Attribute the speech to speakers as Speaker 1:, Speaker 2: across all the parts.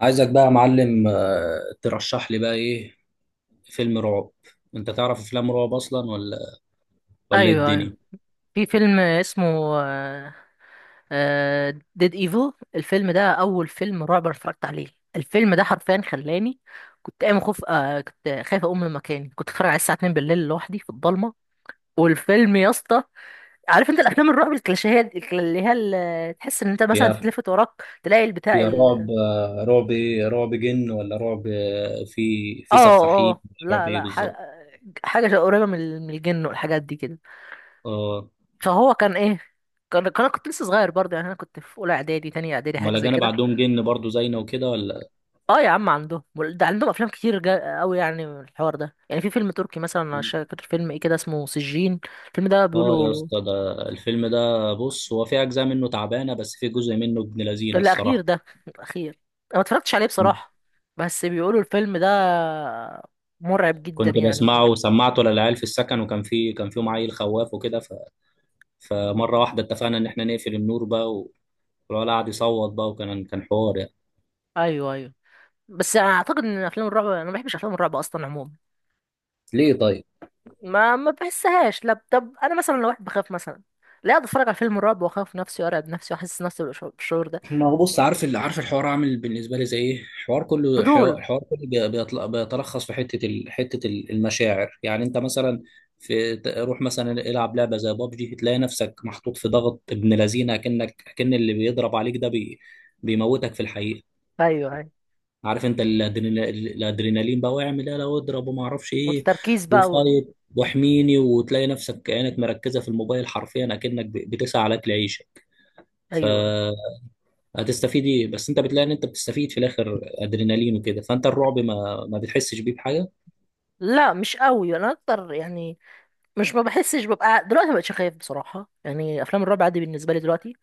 Speaker 1: عايزك بقى يا معلم، ترشح لي بقى ايه فيلم رعب. انت تعرف افلام رعب اصلا، ولا ايه
Speaker 2: ايوه
Speaker 1: الدنيا؟
Speaker 2: أيوة. في فيلم اسمه ديد ايفل. الفيلم ده اول فيلم رعب أنا اتفرجت عليه. الفيلم ده حرفيا خلاني كنت قايم خوف، كنت خايف اقوم من مكاني. كنت اتفرج عليه الساعه 2 بالليل لوحدي في الضلمه. والفيلم يا اسطى، عارف انت الافلام الرعب، الكلاشيهات، اللي هي تحس ان انت مثلا
Speaker 1: يا
Speaker 2: تتلفت وراك تلاقي
Speaker 1: يا رعب! رعب ايه؟ رعب جن ولا رعب في
Speaker 2: اه
Speaker 1: سفاحين؟
Speaker 2: اه،
Speaker 1: رعب
Speaker 2: لا
Speaker 1: ايه
Speaker 2: لا، حاجه.
Speaker 1: بالظبط؟
Speaker 2: حاجه قريبه من من الجن والحاجات دي كده.
Speaker 1: اه.
Speaker 2: فهو كان ايه؟ انا كنت لسه صغير برضه، يعني انا كنت في اولى اعدادي تانية اعدادي
Speaker 1: امال
Speaker 2: حاجه زي
Speaker 1: الاجانب
Speaker 2: كده.
Speaker 1: عندهم جن برضو زينا وكده ولا؟
Speaker 2: اه يا عم عندهم، ده عندهم افلام كتير قوي يعني، من الحوار ده يعني. في فيلم تركي مثلا، انا مش فاكر فيلم ايه كده، اسمه سجين. الفيلم ده
Speaker 1: اه يا
Speaker 2: بيقولوا
Speaker 1: اسطى ده. الفيلم ده بص، هو في اجزاء منه تعبانه بس في جزء منه ابن لذينه
Speaker 2: الاخير
Speaker 1: الصراحه.
Speaker 2: ده الاخير، انا ما اتفرجتش عليه بصراحة، بس بيقولوا الفيلم ده مرعب جدا
Speaker 1: كنت
Speaker 2: يعني وكده.
Speaker 1: بسمعه وسمعته للعيال في السكن، وكان في كان فيهم عيل خواف وكده. فمره واحده اتفقنا ان احنا نقفل النور بقى والولد قعد يصوت بقى، وكان كان حوار يعني.
Speaker 2: ايوه ايوه، بس انا اعتقد ان افلام الرعب، انا ما بحبش افلام الرعب اصلا عموما.
Speaker 1: ليه طيب؟
Speaker 2: ما بحسهاش. لا، طب انا مثلا لو واحد بخاف مثلا، لا اقعد اتفرج على فيلم الرعب واخاف نفسي وارعب نفسي واحس نفسي بالشعور ده.
Speaker 1: ما هو بص، عارف اللي عارف الحوار عامل بالنسبه لي زي ايه؟ الحوار كله حو-
Speaker 2: فضول.
Speaker 1: الحوار كله بي- بيطل- بيتلخص في حته المشاعر. يعني انت مثلا روح مثلا العب لعبه زي بابجي، تلاقي نفسك محطوط في ضغط ابن لذينه، كأن اللي بيضرب عليك ده بيموتك في الحقيقه.
Speaker 2: ايوه ايوه،
Speaker 1: عارف انت الادرينالين بقى، واعمل ايه لو اضرب وما اعرفش ايه،
Speaker 2: والتركيز بقى
Speaker 1: وفايت واحميني، وتلاقي نفسك عينك مركزه في الموبايل حرفيا اكنك بتسعى على اكل عيشك.
Speaker 2: ايوه
Speaker 1: فهتستفيد ايه؟ بس انت بتلاقي ان انت بتستفيد في الاخر ادرينالين وكده. فانت الرعب ما بتحسش بيه بحاجه.
Speaker 2: لا مش قوي انا اكتر يعني. مش ما بحسش، ببقى دلوقتي ما بقتش خايف بصراحه، يعني افلام الرعب عادي بالنسبه لي دلوقتي.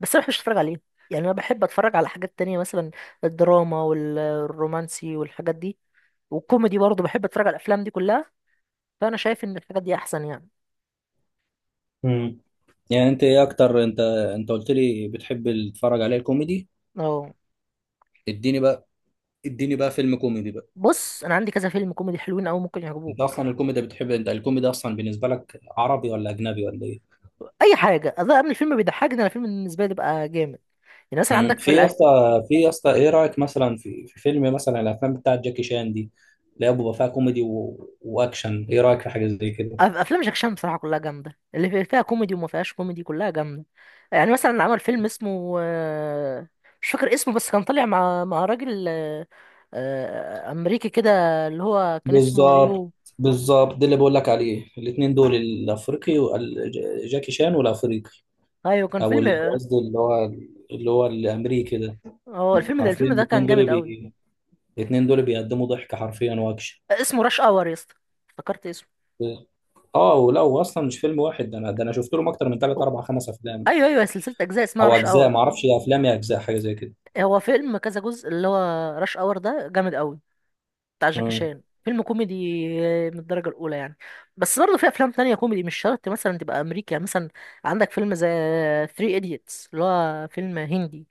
Speaker 2: بس انا ما بحبش اتفرج عليه، يعني انا بحب اتفرج على حاجات تانية مثلا، الدراما والرومانسي والحاجات دي، والكوميدي برضه بحب اتفرج على الافلام دي كلها. فانا شايف ان الحاجات دي احسن يعني.
Speaker 1: مم. يعني انت ايه اكتر؟ انت قلت لي بتحب تتفرج عليه الكوميدي.
Speaker 2: اه.
Speaker 1: اديني بقى، اديني بقى فيلم كوميدي بقى.
Speaker 2: بص انا عندي كذا فيلم كوميدي حلوين قوي ممكن
Speaker 1: انت
Speaker 2: يعجبوك.
Speaker 1: اصلا الكوميدي بتحب، انت الكوميدي اصلا بالنسبه لك عربي ولا اجنبي ولا ايه؟
Speaker 2: اي حاجه اذا من الفيلم بيضحكني، انا الفيلم بالنسبه لي بيبقى جامد. يعني مثلا
Speaker 1: مم.
Speaker 2: عندك في
Speaker 1: في يا اسطى، ايه رايك مثلا في فيلم، مثلا الافلام بتاعت جاكي شان دي اللي هي بيبقى فيها كوميدي واكشن. ايه رايك في حاجه زي كده؟
Speaker 2: افلام جاك شان بصراحه كلها جامده، اللي فيها كوميدي وما فيهاش كوميدي كلها جامده. يعني مثلا عمل فيلم اسمه، مش فاكر اسمه، بس كان طالع مع راجل، امريكي كده، اللي هو كان اسمه
Speaker 1: بالظبط،
Speaker 2: يو.
Speaker 1: بالظبط، ده اللي بقول لك عليه الاثنين دول، الافريقي جاكي شان والافريقي.
Speaker 2: ايوه كان فيلم اه.
Speaker 1: قصدي اللي هو الامريكي ده.
Speaker 2: هو الفيلم ده،
Speaker 1: حرفيا
Speaker 2: كان جامد قوي.
Speaker 1: الاثنين دول بيقدموا ضحك حرفيا واكشن.
Speaker 2: اسمه راش اور يا اسطى، افتكرت اسمه.
Speaker 1: اه، ولو اصلا مش فيلم واحد ده، انا شفت لهم اكتر من ثلاث
Speaker 2: هو-
Speaker 1: اربع خمس افلام.
Speaker 2: ايوه ايوه، سلسله اجزاء اسمها
Speaker 1: او
Speaker 2: راش
Speaker 1: اجزاء
Speaker 2: اور.
Speaker 1: ما اعرفش، افلام يا اجزاء حاجه زي كده.
Speaker 2: هو فيلم كذا جزء، اللي هو راش اور ده جامد قوي. بتاع جاكي
Speaker 1: مم.
Speaker 2: شان، فيلم كوميدي من الدرجة الأولى يعني. بس برضه في أفلام تانية كوميدي مش شرط مثلا تبقى أمريكي. يعني مثلا عندك فيلم زي ثري إيديتس، اللي هو فيلم هندي،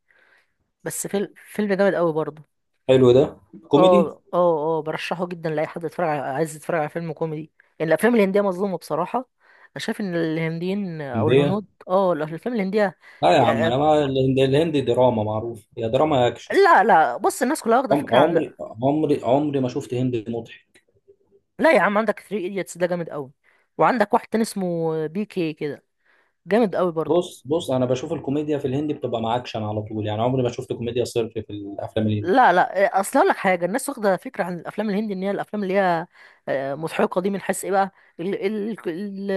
Speaker 2: بس فيلم جامد قوي برضه.
Speaker 1: حلو ده كوميدي.
Speaker 2: اه اه اه، برشحه جدا لأي حد يتفرج على عايز يتفرج على فيلم كوميدي. يعني الأفلام الهندية مظلومة بصراحة. أنا شايف إن الهنديين أو
Speaker 1: هندية.
Speaker 2: الهنود اه الأفلام الهندية
Speaker 1: لا يا عم،
Speaker 2: يا-
Speaker 1: انا ما الهندي دراما معروف، يا دراما يا اكشن.
Speaker 2: لا لا، بص الناس كلها واخدة
Speaker 1: عم-
Speaker 2: فكرة عن،
Speaker 1: عمري عمري ما شفت هندي مضحك.
Speaker 2: لا يا عم عندك ثري إيديتس ده جامد قوي، وعندك واحد تاني اسمه بي كي كده، جامد قوي برضه.
Speaker 1: بص بص، انا بشوف الكوميديا في الهندي بتبقى مع اكشن على طول، يعني عمري ما شفت كوميديا صرف في الافلام الهندي.
Speaker 2: لا لا، اصل اقول لك حاجه، الناس واخده فكره عن الافلام الهندي ان هي الافلام اللي هي مضحكه دي، من حيث ايه بقى؟ ال- ال- ال-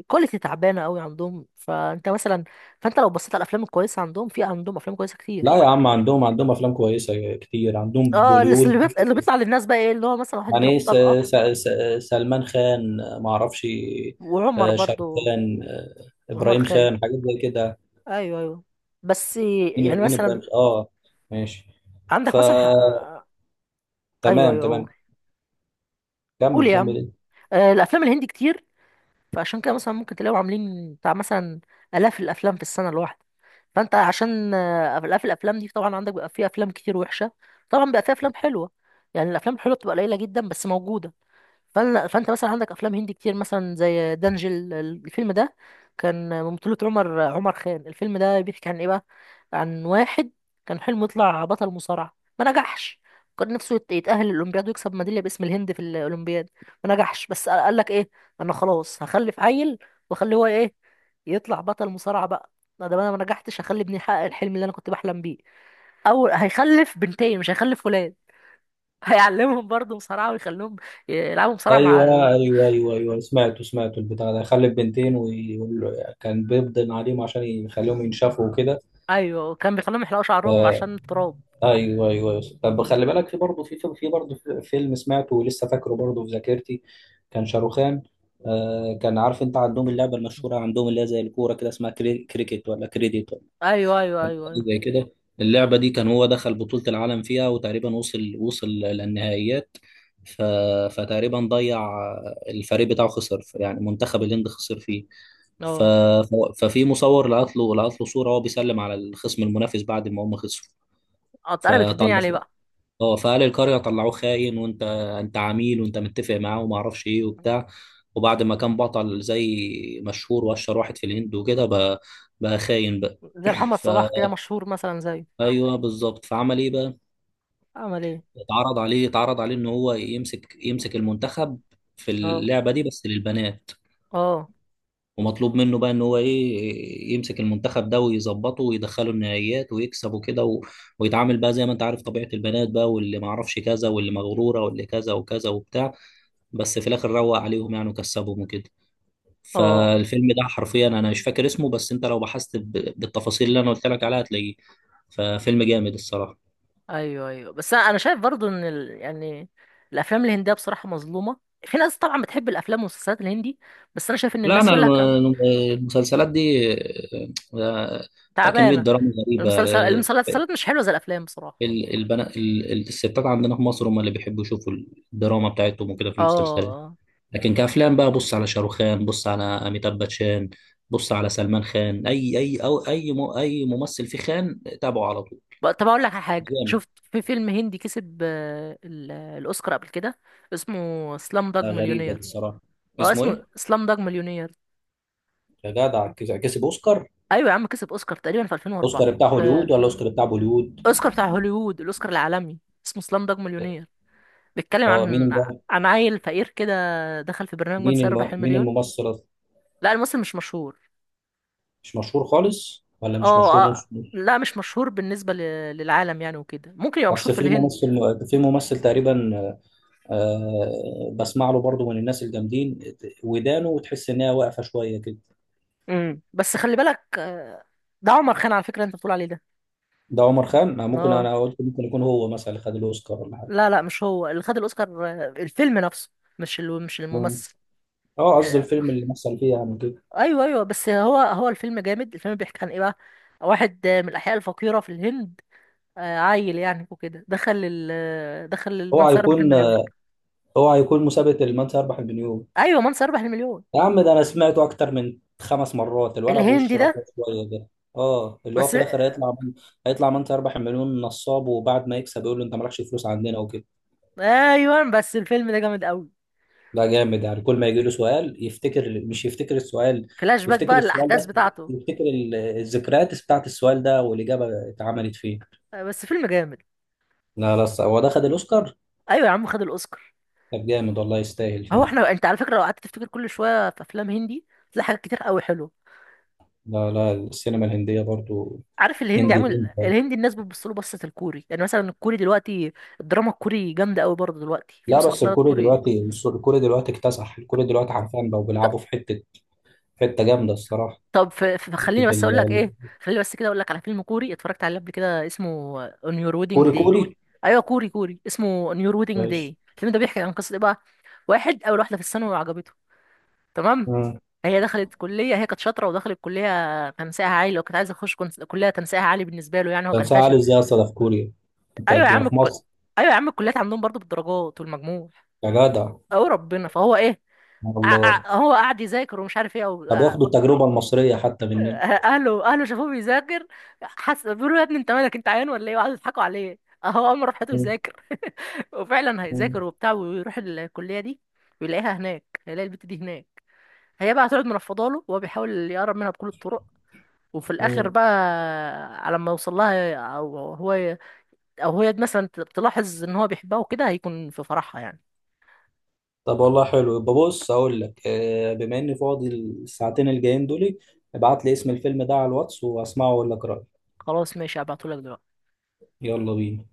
Speaker 2: الكواليتي تعبانه قوي عندهم، فانت مثلا، فانت لو بصيت على الافلام الكويسه عندهم، في عندهم افلام كويسه كتير.
Speaker 1: لا يا عم، عندهم افلام كويسة كتير، عندهم
Speaker 2: اه، اللي
Speaker 1: بوليود.
Speaker 2: بيطلع، اللي بيطلع للناس بقى ايه، اللي هو مثلا واحد
Speaker 1: يعني
Speaker 2: يضرب
Speaker 1: إيه؟
Speaker 2: طلقه،
Speaker 1: س- سلمان خان، ما اعرفش،
Speaker 2: وعمر برضو،
Speaker 1: شاروخان،
Speaker 2: عمر
Speaker 1: ابراهيم
Speaker 2: خان.
Speaker 1: خان، حاجات زي كده.
Speaker 2: ايوه ايوه، بس
Speaker 1: مين
Speaker 2: يعني
Speaker 1: مين
Speaker 2: مثلا،
Speaker 1: ابراهيم خان؟ اه ماشي. ف
Speaker 2: عندك مثلا ايوه
Speaker 1: تمام
Speaker 2: ايوه قول،
Speaker 1: تمام،
Speaker 2: قول
Speaker 1: كمل
Speaker 2: يا
Speaker 1: كمل
Speaker 2: عم.
Speaker 1: انت.
Speaker 2: الافلام الهندي كتير، فعشان كده مثلا ممكن تلاقيهم عاملين بتاع مثلا آلاف الأفلام في السنة الواحدة. فأنت عشان آلاف الأفلام دي، طبعا عندك بيبقى فيها أفلام كتير وحشة، طبعا بيبقى فيها أفلام حلوة. يعني الأفلام الحلوة بتبقى قليلة جدا بس موجودة. فانت مثلا عندك افلام هندي كتير مثلا زي دانجل، الفيلم ده كان من بطولة عمر خان. الفيلم ده بيحكي عن ايه بقى؟ عن واحد كان حلمه يطلع بطل مصارعة ما نجحش. كان نفسه يتأهل الأولمبياد ويكسب ميدالية باسم الهند في الأولمبياد. ما نجحش، بس قال لك ايه، انا خلاص هخلف عيل واخليه هو ايه، يطلع بطل مصارعة بقى. ما دام انا ما نجحتش هخلي ابني يحقق الحلم اللي انا كنت بحلم بيه. او هيخلف بنتين مش هيخلف ولاد، هيعلمهم برضه مصارعة ويخليهم يلعبوا مصارعة مع.
Speaker 1: ايوه ايوه ايوه ايوه، سمعته سمعته البتاع ده خلف بنتين، وكان بيبدن عليهم عشان يخليهم ينشفوا وكده.
Speaker 2: ايوه كان بيخليهم يحلقوا شعرهم عشان التراب.
Speaker 1: ايوه ايوه ايوه. طب خلي بالك، فيلم سمعته ولسه فاكره برضه في ذاكرتي. كان شاروخان. آه كان عارف انت عندهم اللعبه المشهوره، عندهم اللي هي زي الكوره كده، اسمها كريكت ولا كريديت
Speaker 2: ايوه ايوه
Speaker 1: ولا
Speaker 2: ايوه
Speaker 1: حاجة
Speaker 2: ايوه،
Speaker 1: زي كده. اللعبة دي كان هو دخل بطولة العالم فيها، وتقريبا وصل للنهائيات. ف... فتقريبا ضيع، الفريق بتاعه خسر، يعني منتخب الهند خسر فيه.
Speaker 2: اه
Speaker 1: ففي مصور لقط له صورة وهو بيسلم على الخصم المنافس بعد ما هم خسروا.
Speaker 2: اه، اتقلبت
Speaker 1: فطلع،
Speaker 2: الدنيا عليه بقى.
Speaker 1: اه، فقال القرية طلعوه خاين، وانت عميل وانت متفق معاه وما اعرفش ايه وبتاع. وبعد ما كان بطل زي مشهور، واشهر واحد في الهند وكده، بقى خاين بقى.
Speaker 2: زي محمد صلاح كده مشهور مثلا زيه.
Speaker 1: ايوه بالظبط. فعمل ايه بقى؟
Speaker 2: عمل ايه؟
Speaker 1: اتعرض عليه ان هو يمسك المنتخب في
Speaker 2: اه
Speaker 1: اللعبه دي بس للبنات.
Speaker 2: اه
Speaker 1: ومطلوب منه بقى ان هو ايه، يمسك المنتخب ده ويظبطه ويدخله النهائيات ويكسب وكده، ويتعامل بقى زي ما انت عارف طبيعه البنات بقى، واللي ما اعرفش كذا، واللي مغروره، واللي كذا وكذا وبتاع. بس في الاخر روق عليهم يعني وكسبهم وكده.
Speaker 2: اه،
Speaker 1: فالفيلم ده حرفيا انا مش فاكر اسمه، بس انت لو بحثت بالتفاصيل اللي انا قلت لك عليها هتلاقيه. ففيلم جامد الصراحه.
Speaker 2: ايوه ايوه، بس أنا شايف برضو ان يعني الافلام الهنديه بصراحه مظلومه. في ناس طبعا بتحب الافلام والمسلسلات الهندي، بس انا شايف ان
Speaker 1: لا
Speaker 2: الناس
Speaker 1: انا
Speaker 2: يقول لك
Speaker 1: المسلسلات دي آه، فيها كميه
Speaker 2: تعبانه.
Speaker 1: دراما غريبه. آه،
Speaker 2: المسلسلات مش حلوه زي الافلام بصراحه.
Speaker 1: الستات عندنا في مصر هم اللي بيحبوا يشوفوا الدراما بتاعتهم وكده في
Speaker 2: اه
Speaker 1: المسلسلات.
Speaker 2: آه.
Speaker 1: لكن كافلام بقى، بص على شاروخان، بص على اميتاب باتشان، بص على سلمان خان، اي اي او اي م- اي ممثل في خان تابعه على طول.
Speaker 2: طب اقول لك على حاجه،
Speaker 1: جامد.
Speaker 2: شفت في فيلم هندي كسب، الاوسكار قبل كده. اسمه سلام داج
Speaker 1: غريبه دي
Speaker 2: مليونير.
Speaker 1: الصراحه.
Speaker 2: اه
Speaker 1: اسمه
Speaker 2: اسمه
Speaker 1: ايه؟
Speaker 2: سلام داج مليونير.
Speaker 1: يا جدع، كسب اوسكار!
Speaker 2: ايوه يا عم كسب اوسكار تقريبا في 2004.
Speaker 1: اوسكار بتاع
Speaker 2: آه،
Speaker 1: هوليوود ولا اوسكار بتاع بوليوود؟
Speaker 2: اوسكار بتاع هوليوود، الاوسكار العالمي. اسمه سلام داج مليونير. بيتكلم
Speaker 1: اه
Speaker 2: عن،
Speaker 1: مين ده؟
Speaker 2: عن عيل فقير كده دخل في برنامج من سيربح
Speaker 1: مين
Speaker 2: المليون.
Speaker 1: الممثل؟
Speaker 2: لا الممثل مش مشهور.
Speaker 1: مش مشهور خالص ولا مش
Speaker 2: اه
Speaker 1: مشهور نص نص؟
Speaker 2: لا مش مشهور بالنسبه للعالم يعني وكده، ممكن يبقى مشهور
Speaker 1: اصل
Speaker 2: في
Speaker 1: في
Speaker 2: الهند.
Speaker 1: ممثل في ممثل تقريبا، بسمع له برضو من الناس الجامدين ودانه، وتحس ان هي واقفه شويه كده.
Speaker 2: بس خلي بالك ده عمر خان على فكره انت بتقول عليه ده.
Speaker 1: ده عمر خان؟ ما ممكن،
Speaker 2: اه
Speaker 1: انا قلت ممكن يكون هو مثلا اللي خد الاوسكار ولا حاجه.
Speaker 2: لا لا، مش هو اللي خد الاوسكار، الفيلم نفسه مش مش
Speaker 1: مم.
Speaker 2: الممثل.
Speaker 1: اه قصدي
Speaker 2: آه،
Speaker 1: الفيلم اللي مثل فيه يعني كده.
Speaker 2: ايوه ايوه، بس هو الفيلم جامد. الفيلم بيحكي عن ايه بقى؟ واحد من الاحياء الفقيره في الهند، عيل يعني وكده دخل ال... آه، دخل
Speaker 1: هو
Speaker 2: من سيربح
Speaker 1: هيكون
Speaker 2: المليون.
Speaker 1: هو هيكون مسابقه من سيربح المليون؟
Speaker 2: ايوه من سيربح المليون.
Speaker 1: يا عم ده انا سمعته اكتر من خمس مرات، الولد
Speaker 2: الهندي
Speaker 1: بوش رفيع
Speaker 2: ده.
Speaker 1: شويه ده. اه اللي هو
Speaker 2: بس
Speaker 1: في الاخر هيطلع من سيربح المليون نصاب، وبعد ما يكسب يقول له انت مالكش فلوس عندنا وكده.
Speaker 2: ايوه بس الفيلم ده جامد قوي.
Speaker 1: ده جامد، يعني كل ما يجي له سؤال يفتكر، مش يفتكر السؤال،
Speaker 2: فلاش باك
Speaker 1: يفتكر
Speaker 2: بقى
Speaker 1: السؤال
Speaker 2: الاحداث
Speaker 1: ده،
Speaker 2: بتاعته.
Speaker 1: يفتكر الذكريات بتاعت السؤال ده، والإجابة اتعملت فيه.
Speaker 2: بس فيلم جامد.
Speaker 1: لا، لا، هو ده خد الأوسكار.
Speaker 2: ايوه يا عم خد الاوسكار.
Speaker 1: طب جامد والله، يستاهل
Speaker 2: هو
Speaker 1: فعلا.
Speaker 2: احنا، انت على فكره لو قعدت تفتكر كل شويه في افلام هندي تلاقي حاجات كتير قوي حلوه.
Speaker 1: لا، لا، السينما الهندية برضو.
Speaker 2: عارف الهندي
Speaker 1: هندي
Speaker 2: عامل،
Speaker 1: هندي.
Speaker 2: الهندي الناس بتبص له بصة الكوري يعني. مثلا الكوري دلوقتي، الدراما الكوري جامدة قوي برضه دلوقتي، في
Speaker 1: لا بس،
Speaker 2: مسلسلات
Speaker 1: الكوري
Speaker 2: كوري.
Speaker 1: دلوقتي الكوري دلوقتي اكتسح، الكوري دلوقتي حرفيا بقوا بيلعبوا في حتة، حتة جامدة الصراحة.
Speaker 2: طب فخليني
Speaker 1: حتة
Speaker 2: بس اقول لك
Speaker 1: ال-
Speaker 2: ايه، خليني بس كده اقول لك على فيلم كوري اتفرجت عليه قبل كده اسمه On Your Wedding
Speaker 1: الكوري
Speaker 2: Day.
Speaker 1: كوري
Speaker 2: ايوه كوري كوري اسمه On Your Wedding Day.
Speaker 1: ماشي.
Speaker 2: الفيلم ده بيحكي عن قصة ايه بقى؟ واحد اول واحدة في الثانوي وعجبته، تمام؟
Speaker 1: مم.
Speaker 2: هي دخلت كلية، هي كانت شاطرة ودخلت كلية تنسيقها عالي، وكانت عايزة تخش كلية تنسيقها عالي بالنسبة له يعني، هو
Speaker 1: كان
Speaker 2: كان
Speaker 1: ساعة علي
Speaker 2: فاشل.
Speaker 1: ازاي أصلا في كوريا؟ انت
Speaker 2: ايوه
Speaker 1: انت
Speaker 2: يا عم
Speaker 1: في مصر.
Speaker 2: ايوه يا عم الكليات عندهم برضه بالدرجات والمجموع.
Speaker 1: يا جدع
Speaker 2: او ربنا. فهو ايه،
Speaker 1: والله.
Speaker 2: هو قاعد يذاكر ومش عارف ايه
Speaker 1: طب ياخدوا التجربة المصرية حتى مننا.
Speaker 2: اهله، شافوه بيذاكر، حس بيقولوا يا ابني انت مالك، انت عيان ولا ايه، وقعدوا يضحكوا عليه. اهو قام راح حياته
Speaker 1: مم.
Speaker 2: يذاكر وفعلا هيذاكر
Speaker 1: مم.
Speaker 2: وبتاع، ويروح الكليه دي ويلاقيها هناك، هيلاقي البت دي هناك. هي بقى هتقعد منفضه له وهو بيحاول يقرب منها بكل الطرق. وفي الاخر
Speaker 1: مم.
Speaker 2: بقى، على ما يوصل لها، او هو او هي مثلا تلاحظ ان هو بيحبها وكده، هيكون في فرحها يعني.
Speaker 1: طب والله حلو يبقى. بص اقول لك، بما اني فاضي الساعتين الجايين دول، ابعت لي اسم الفيلم ده على الواتس واسمعه واقول لك رأيي.
Speaker 2: خلاص ماشي هبعتهولك دلوقتي.
Speaker 1: يلا بينا.